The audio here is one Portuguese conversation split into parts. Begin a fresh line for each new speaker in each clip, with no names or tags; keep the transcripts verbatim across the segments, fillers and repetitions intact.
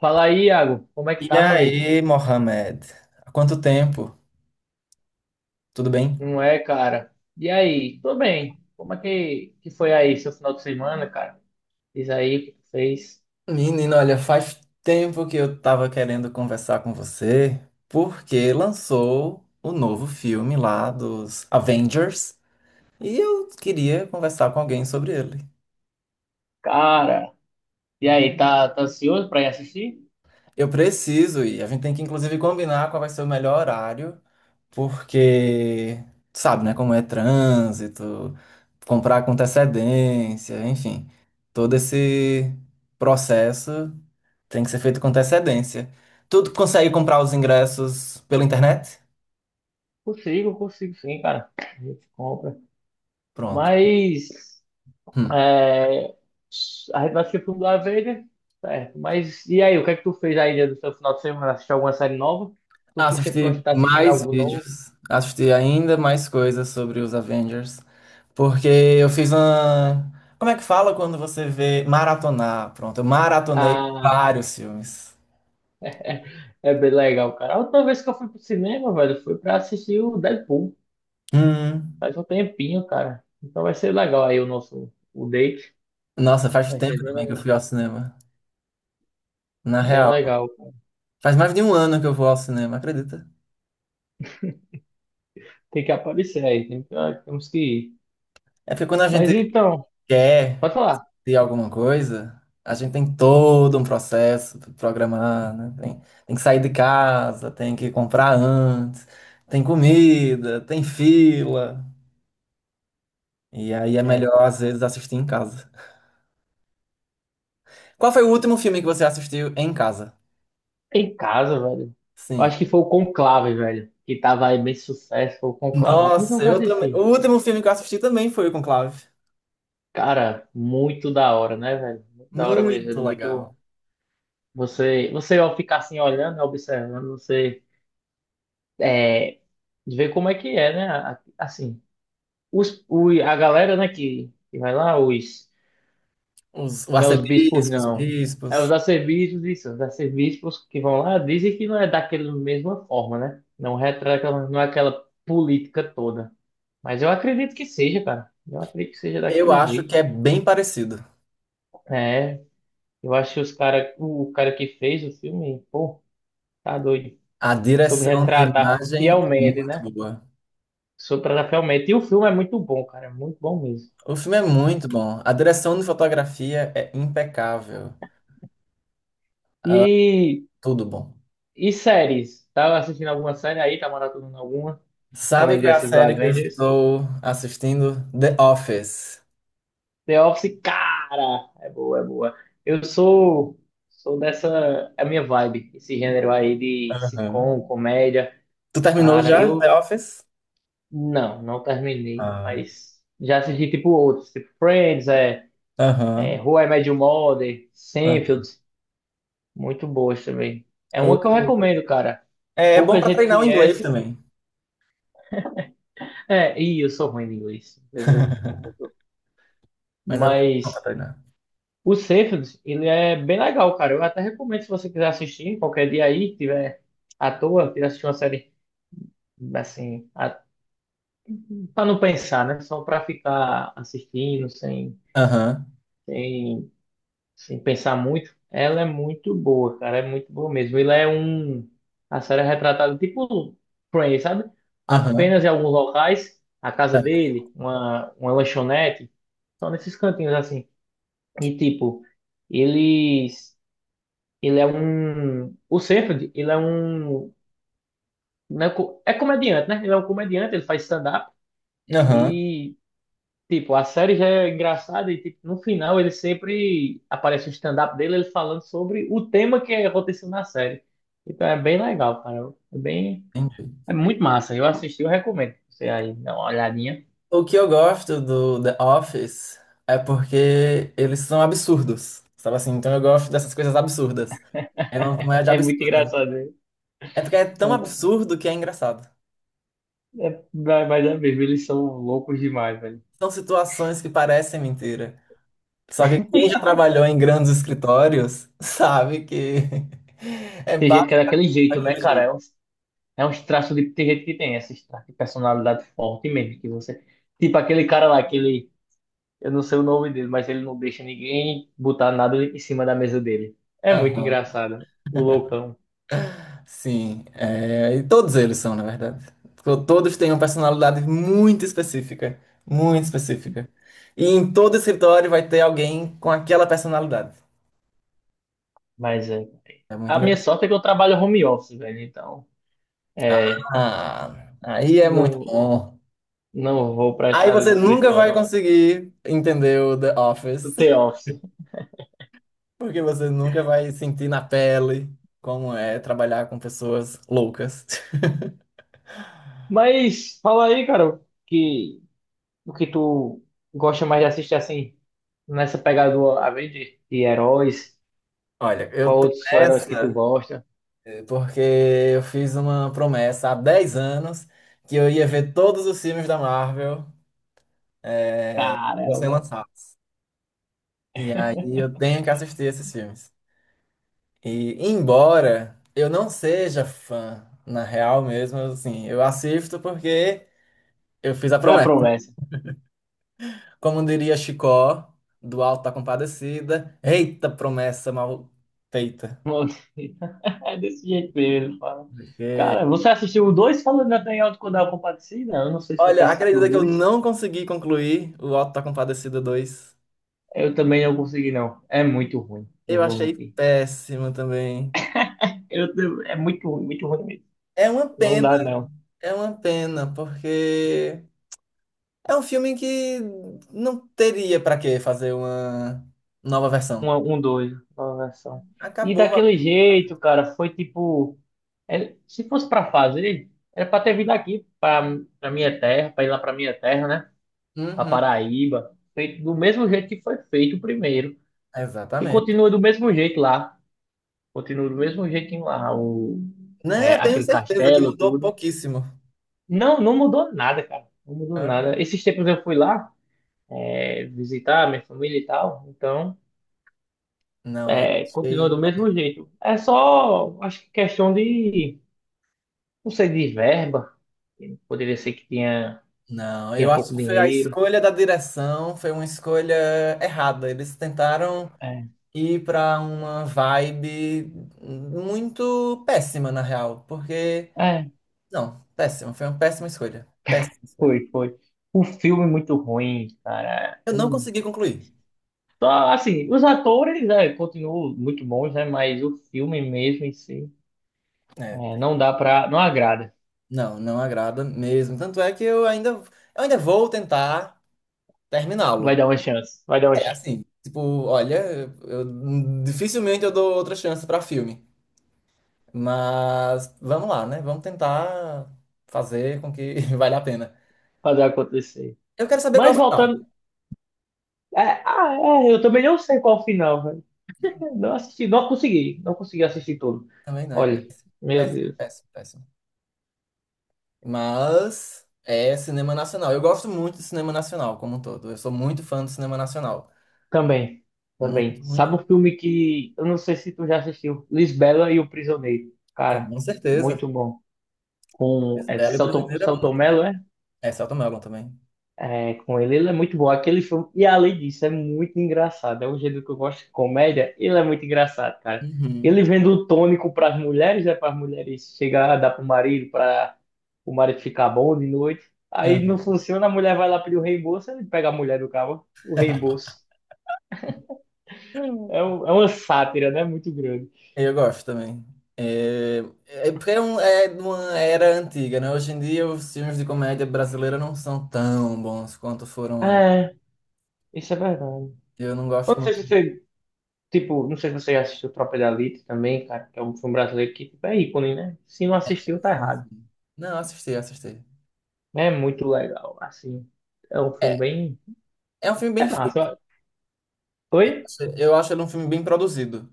Fala aí, Iago. Como é que
E
tá, meu amigo?
aí, Mohamed? Há quanto tempo? Tudo bem?
Não é, cara? E aí? Tô bem. Como é que, que foi aí seu final de semana, cara? Diz aí o que tu fez.
Menino, olha, faz tempo que eu tava querendo conversar com você, porque lançou o novo filme lá dos Avengers e eu queria conversar com alguém sobre ele.
Cara, e aí, tá, tá ansioso pra ir assistir?
Eu preciso ir, a gente tem que inclusive combinar qual vai ser o melhor horário porque sabe, né, como é trânsito, comprar com antecedência, enfim, todo esse processo tem que ser feito com antecedência. Tu consegue comprar os ingressos pela internet?
Consigo, consigo sim, cara. A gente compra.
Pronto.
Mas
Hum.
é, a gente vai assistir o filme do Avenger, certo? Mas e aí, o que é que tu fez aí no seu final de semana? Assistiu alguma série nova? Tu que sempre gosta de
Assisti
estar assistindo
mais
algo novo?
vídeos, assisti ainda mais coisas sobre os Avengers, porque eu fiz uma. Como é que fala quando você vê maratonar? Pronto, eu maratonei
Ah,
vários filmes.
é bem legal, cara. A última vez que eu fui pro cinema, velho, foi pra assistir o Deadpool.
Hum.
Faz um tempinho, cara. Então vai ser legal aí o nosso o date.
Nossa, faz
Vai ser
tempo
bem
também que eu
legal.
fui ao cinema. Na
Bem
real,
legal, cara.
faz mais de um ano que eu vou ao cinema, acredita?
Tem que aparecer aí. Tem que- ah, temos que ir.
É porque quando a gente
Mas então,
quer
pode falar.
ter alguma coisa, a gente tem todo um processo pra programar, né? Tem, tem que sair de casa, tem que comprar antes, tem comida, tem fila. E aí é
É,
melhor, às vezes, assistir em casa. Qual foi o último filme que você assistiu em casa?
em casa, velho. Eu
Sim.
acho que foi o Conclave, velho. Que tava aí bem sucesso, foi o Conclave. Como que eu
Nossa,
nunca
eu também. O
assisti?
último filme que eu assisti também foi o Conclave.
Cara, muito da hora, né, velho? Muito da hora mesmo. É
Muito legal.
muito. Você, você ao ficar assim olhando, observando, você de ver como é que é, né? A- Assim, os, o, a galera, né, que, que vai lá, os,
Os, o
não é os bispos,
arcebispos,
não. É
bispos.
os arcebispos, isso, os arcebispos que vão lá dizem que não é daquela mesma forma, né? Não retrata, não é aquela política toda. Mas eu acredito que seja, cara. Eu acredito que seja
Eu
daquele
acho que
jeito.
é bem parecido.
É, eu acho que os cara, o cara que fez o filme, pô, tá doido.
A
Soube
direção de
retratar
imagem é
fielmente,
muito
né?
boa.
Soube retratar fielmente. E o filme é muito bom, cara. É muito bom mesmo.
O filme é muito bom. A direção de fotografia é impecável.
E
Tudo bom.
E séries? Tava assistindo alguma série aí? Tá maratonando alguma?
Sabe
Além
qual é a
dessas do
série que eu
Avengers?
estou assistindo? The Office.
The Office, cara! É boa, é boa. Eu sou, sou dessa. É a minha vibe, esse gênero aí de
Aham.
sitcom, comédia.
Tu terminou
Cara,
já The
eu
Office?
não, não terminei,
Ah.
mas já assisti tipo outros, tipo Friends, é, é
Aham.
How I Met Your Mother,
Aham.
Seinfeld, muito boas também. É
O-
uma que eu recomendo, cara.
É, é bom
Pouca
pra
gente
treinar o inglês
conhece.
também.
É, e eu sou ruim em inglês. Eu não sou muito.
Mas é muito bom pra
Mas
treinar.
o Seinfeld, ele é bem legal, cara. Eu até recomendo se você quiser assistir qualquer dia aí, tiver à toa, quiser assistir uma série assim, a- pra não pensar, né? Só pra ficar assistindo sem,
Aham.
sem, sem pensar muito. Ela é muito boa, cara. É muito boa mesmo. Ele é um. A série é retratada tipo Friends, sabe?
Aham.
Apenas em alguns locais, a casa
É.
dele, uma, uma lanchonete, só nesses cantinhos assim. E tipo, eles. Ele é um. O Seinfeld, ele é um, não é co- é comediante, né? Ele é um comediante, ele faz stand-up.
Aham.
E, tipo, a série já é engraçada. E, tipo, no final, ele sempre aparece o stand-up dele, ele falando sobre o tema que aconteceu na série. Então é bem legal, cara. É bem.
Entendi.
É muito massa. Eu assisti, eu recomendo. Você aí, dá uma olhadinha.
O que eu gosto do The Office é porque eles são absurdos, sabe assim? Então eu gosto dessas coisas absurdas. É uma comédia
É muito
absurda.
engraçado, né?
É porque é tão
É,
absurdo que é engraçado.
é, mas é mesmo, eles são loucos demais, velho.
São situações que parecem mentira. Só que quem já trabalhou em grandes escritórios sabe que é
Tem gente que
básico
é daquele jeito, né,
daquele
cara?
jeito.
É um. É uns traços de. Tem gente que tem esses traços de personalidade forte mesmo, que você. Tipo aquele cara lá, aquele. Eu não sei o nome dele, mas ele não deixa ninguém botar nada em cima da mesa dele. É muito
Aham.
engraçado. O loucão.
Sim, é, e todos eles são, na verdade. To- Todos têm uma personalidade muito específica, muito específica. E em todo escritório vai ter alguém com aquela personalidade.
Mas é.
É muito
A minha
engraçado.
sorte é que eu trabalho home office, velho. Então. É.
Ah, aí é muito
Não,
bom.
não vou pra esse
Aí
lado do
você nunca vai
escritório.
conseguir entender o The
Do
Office,
The Office.
porque você nunca vai sentir na pele como é trabalhar com pessoas loucas.
Mas fala aí, cara, que o que tu gosta mais de assistir assim, nessa pegada do Avenger, de de heróis.
Olha, eu
Qual
tô
outros heróis que tu
nessa.
gosta?
Porque eu fiz uma promessa há dez anos que eu ia ver todos os filmes da Marvel sendo
Caramba,
lançados. E aí eu tenho que assistir esses filmes. E embora eu não seja fã, na real mesmo, assim, eu assisto porque eu fiz a
foi a
promessa.
promessa.
Como diria Chicó, do Alto da Compadecida, eita promessa mal feita.
É desse jeito mesmo, ele fala.
Porque,
Cara, você assistiu o dois Falando da Penhal quando ela compartilha? Eu não sei se você
olha,
assistiu o
acredita que eu
dois.
não consegui concluir o Alto da Compadecida dois.
Eu também não consegui, não. É muito ruim, não
Eu
vou
achei
mentir.
péssimo também.
Eu, te- é muito ruim, muito ruim mesmo.
É uma
Não
pena,
dá, não.
é uma pena, porque é um filme que não teria pra que fazer uma nova versão.
Um, um dois, uma versão. E
Acabou.
daquele jeito, cara, foi tipo. É- se fosse pra fazer, era pra ter vindo aqui, pra, pra minha terra, pra ir lá pra minha terra, né? Para
Uhum,
Paraíba, feito do mesmo jeito que foi feito o primeiro. E
exatamente.
continua do mesmo jeito lá. Continua do mesmo jeitinho lá, o, é,
Né, tenho
aquele
certeza que
castelo,
mudou
tudo.
pouquíssimo.
Não, não mudou nada, cara. Não mudou
É.
nada. Esses tempos eu fui lá, é, visitar minha família e tal. Então,
Não, eu
é, continua
achei.
do mesmo jeito. É só, acho que questão de, não sei, de verba. Poderia ser que tinha,
Não, eu
tinha
acho
pouco
que foi a
dinheiro.
escolha da direção, foi uma escolha errada. Eles tentaram
É,
ir pra uma vibe muito péssima, na real, porque.
é,
Não, péssima, foi uma péssima escolha. Péssima escolha.
foi, foi. O filme muito ruim, cara.
Eu não consegui concluir.
Só, assim, os atores, é, continuam muito bons, né? Mas o filme mesmo em si,
É,
é, não dá pra. Não agrada.
não, não agrada mesmo. Tanto é que eu ainda, eu ainda vou tentar
Vai
terminá-lo.
dar uma chance. Vai dar uma
É
chance.
assim, tipo, olha, eu- dificilmente eu dou outra chance pra filme. Mas vamos lá, né? Vamos tentar fazer com que valha a pena.
Fazer acontecer.
Eu quero saber qual
Mas
é o final.
voltando. É, ah, é, eu também não sei qual o final, velho. Não assisti, não consegui. Não consegui assistir tudo.
Também não é
Olha, meu
péssimo,
Deus.
péssimo, péssimo. Mas é cinema nacional. Eu gosto muito de cinema nacional como um todo. Eu sou muito fã do cinema nacional.
Também.
Muito,
Também.
muito.
Sabe um filme que. Eu não sei se tu já assistiu. Lisbela e o Prisioneiro. Cara,
Com certeza.
muito bom. Com é,
Bela e
Selton,
Prisioneiro é.
Selton
É, Saltomelo também.
é, com ele. Ele é muito bom. Aquele filme, e além disso, é muito engraçado. É um gênero que eu gosto de comédia. Ele é muito engraçado, cara.
Uhum.
Ele vendo o tônico para as mulheres, né? Para as mulheres chegar, dar pro marido, para o marido ficar bom de noite. Aí não
Aham.
funciona, a mulher vai lá pedir o reembolso, ele pega a mulher do cara, o reembolso. É,
Hum.
um- é uma sátira, né? Muito grande.
Eu gosto também. É, é porque é, um, é de uma era antiga, né? Hoje em dia os filmes de comédia brasileira não são tão bons quanto foram antes.
É, isso é verdade.
Eu não
Eu
gosto
não sei
muito
se você, tipo, não sei se você já assistiu Tropa de Elite também, cara, que é um filme brasileiro que, tipo, é ícone, né? Se não assistiu, tá
disso.
errado.
Não, assisti, assisti.
É muito legal, assim. É um filme
É,
bem.
é um filme
É
bem feito.
massa. Oi?
Eu acho ele um filme bem produzido.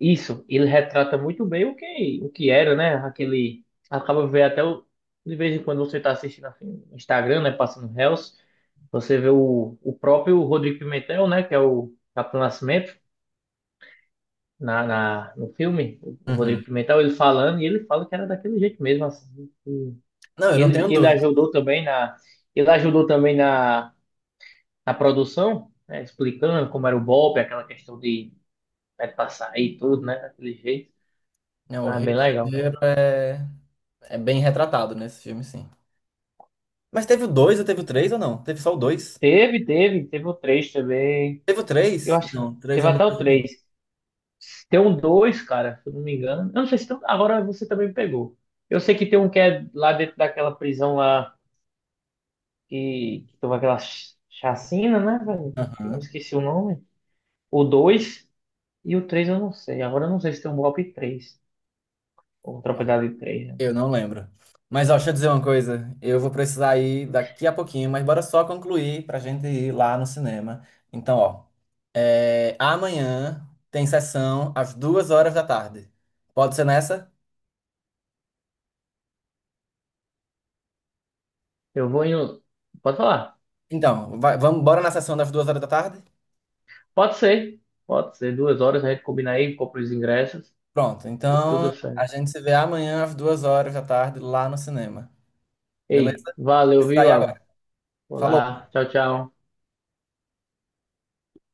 Isso, ele retrata muito bem o que, o que era, né? Aquele. Acaba ver até o. De vez em quando você tá assistindo assim, no Instagram, né? Passando Reels, você vê o, o próprio Rodrigo Pimentel, né? Que é o Capitão Nascimento, na, na, no filme. O, o
Uhum.
Rodrigo Pimentel, ele falando, e ele fala que era daquele jeito mesmo, assim. Que
Não, eu não tenho
Ele, ele
dúvida.
ajudou também na. Ele ajudou também na na produção, né, explicando como era o golpe, aquela questão de, né, passar aí tudo, né, daquele jeito.
Né? O
Ah,
Rio
bem
de
legal.
Janeiro é, é bem retratado nesse filme, sim. Mas teve o dois ou teve o três ou não? Teve só o dois?
Teve, teve, teve o três também.
Teve o
Eu
três?
acho que
Não, três
teve
eu não.
até o três. Tem um dois cara, se eu não me engano. Eu não sei se tem, um, agora você também pegou. Eu sei que tem um que é lá dentro daquela prisão lá que, que teve aquela ch- chacina, né, velho? Eu
Aham.
esqueci o nome. O dois e o três eu não sei. Agora eu não sei se tem um golpe três ou tropa
Bom,
de três né, no
eu não
caso.
lembro. Mas ó, deixa eu dizer uma coisa. Eu vou precisar ir daqui a pouquinho, mas bora só concluir pra gente ir lá no cinema. Então, ó, é, amanhã tem sessão às duas horas da tarde. Pode ser nessa?
Eu vou em. Um- Pode falar?
Então, vai- vamos, bora na sessão das duas horas da tarde?
Pode ser. Pode ser. Duas horas a gente combina aí, compra os ingressos
Pronto.
e
Então,
tudo certo.
a gente se vê amanhã às duas horas da tarde lá no cinema. Beleza?
Ei,
Vou
valeu,
precisar
viu,
ir agora.
Iago?
Falou.
Olá. Tchau, tchau.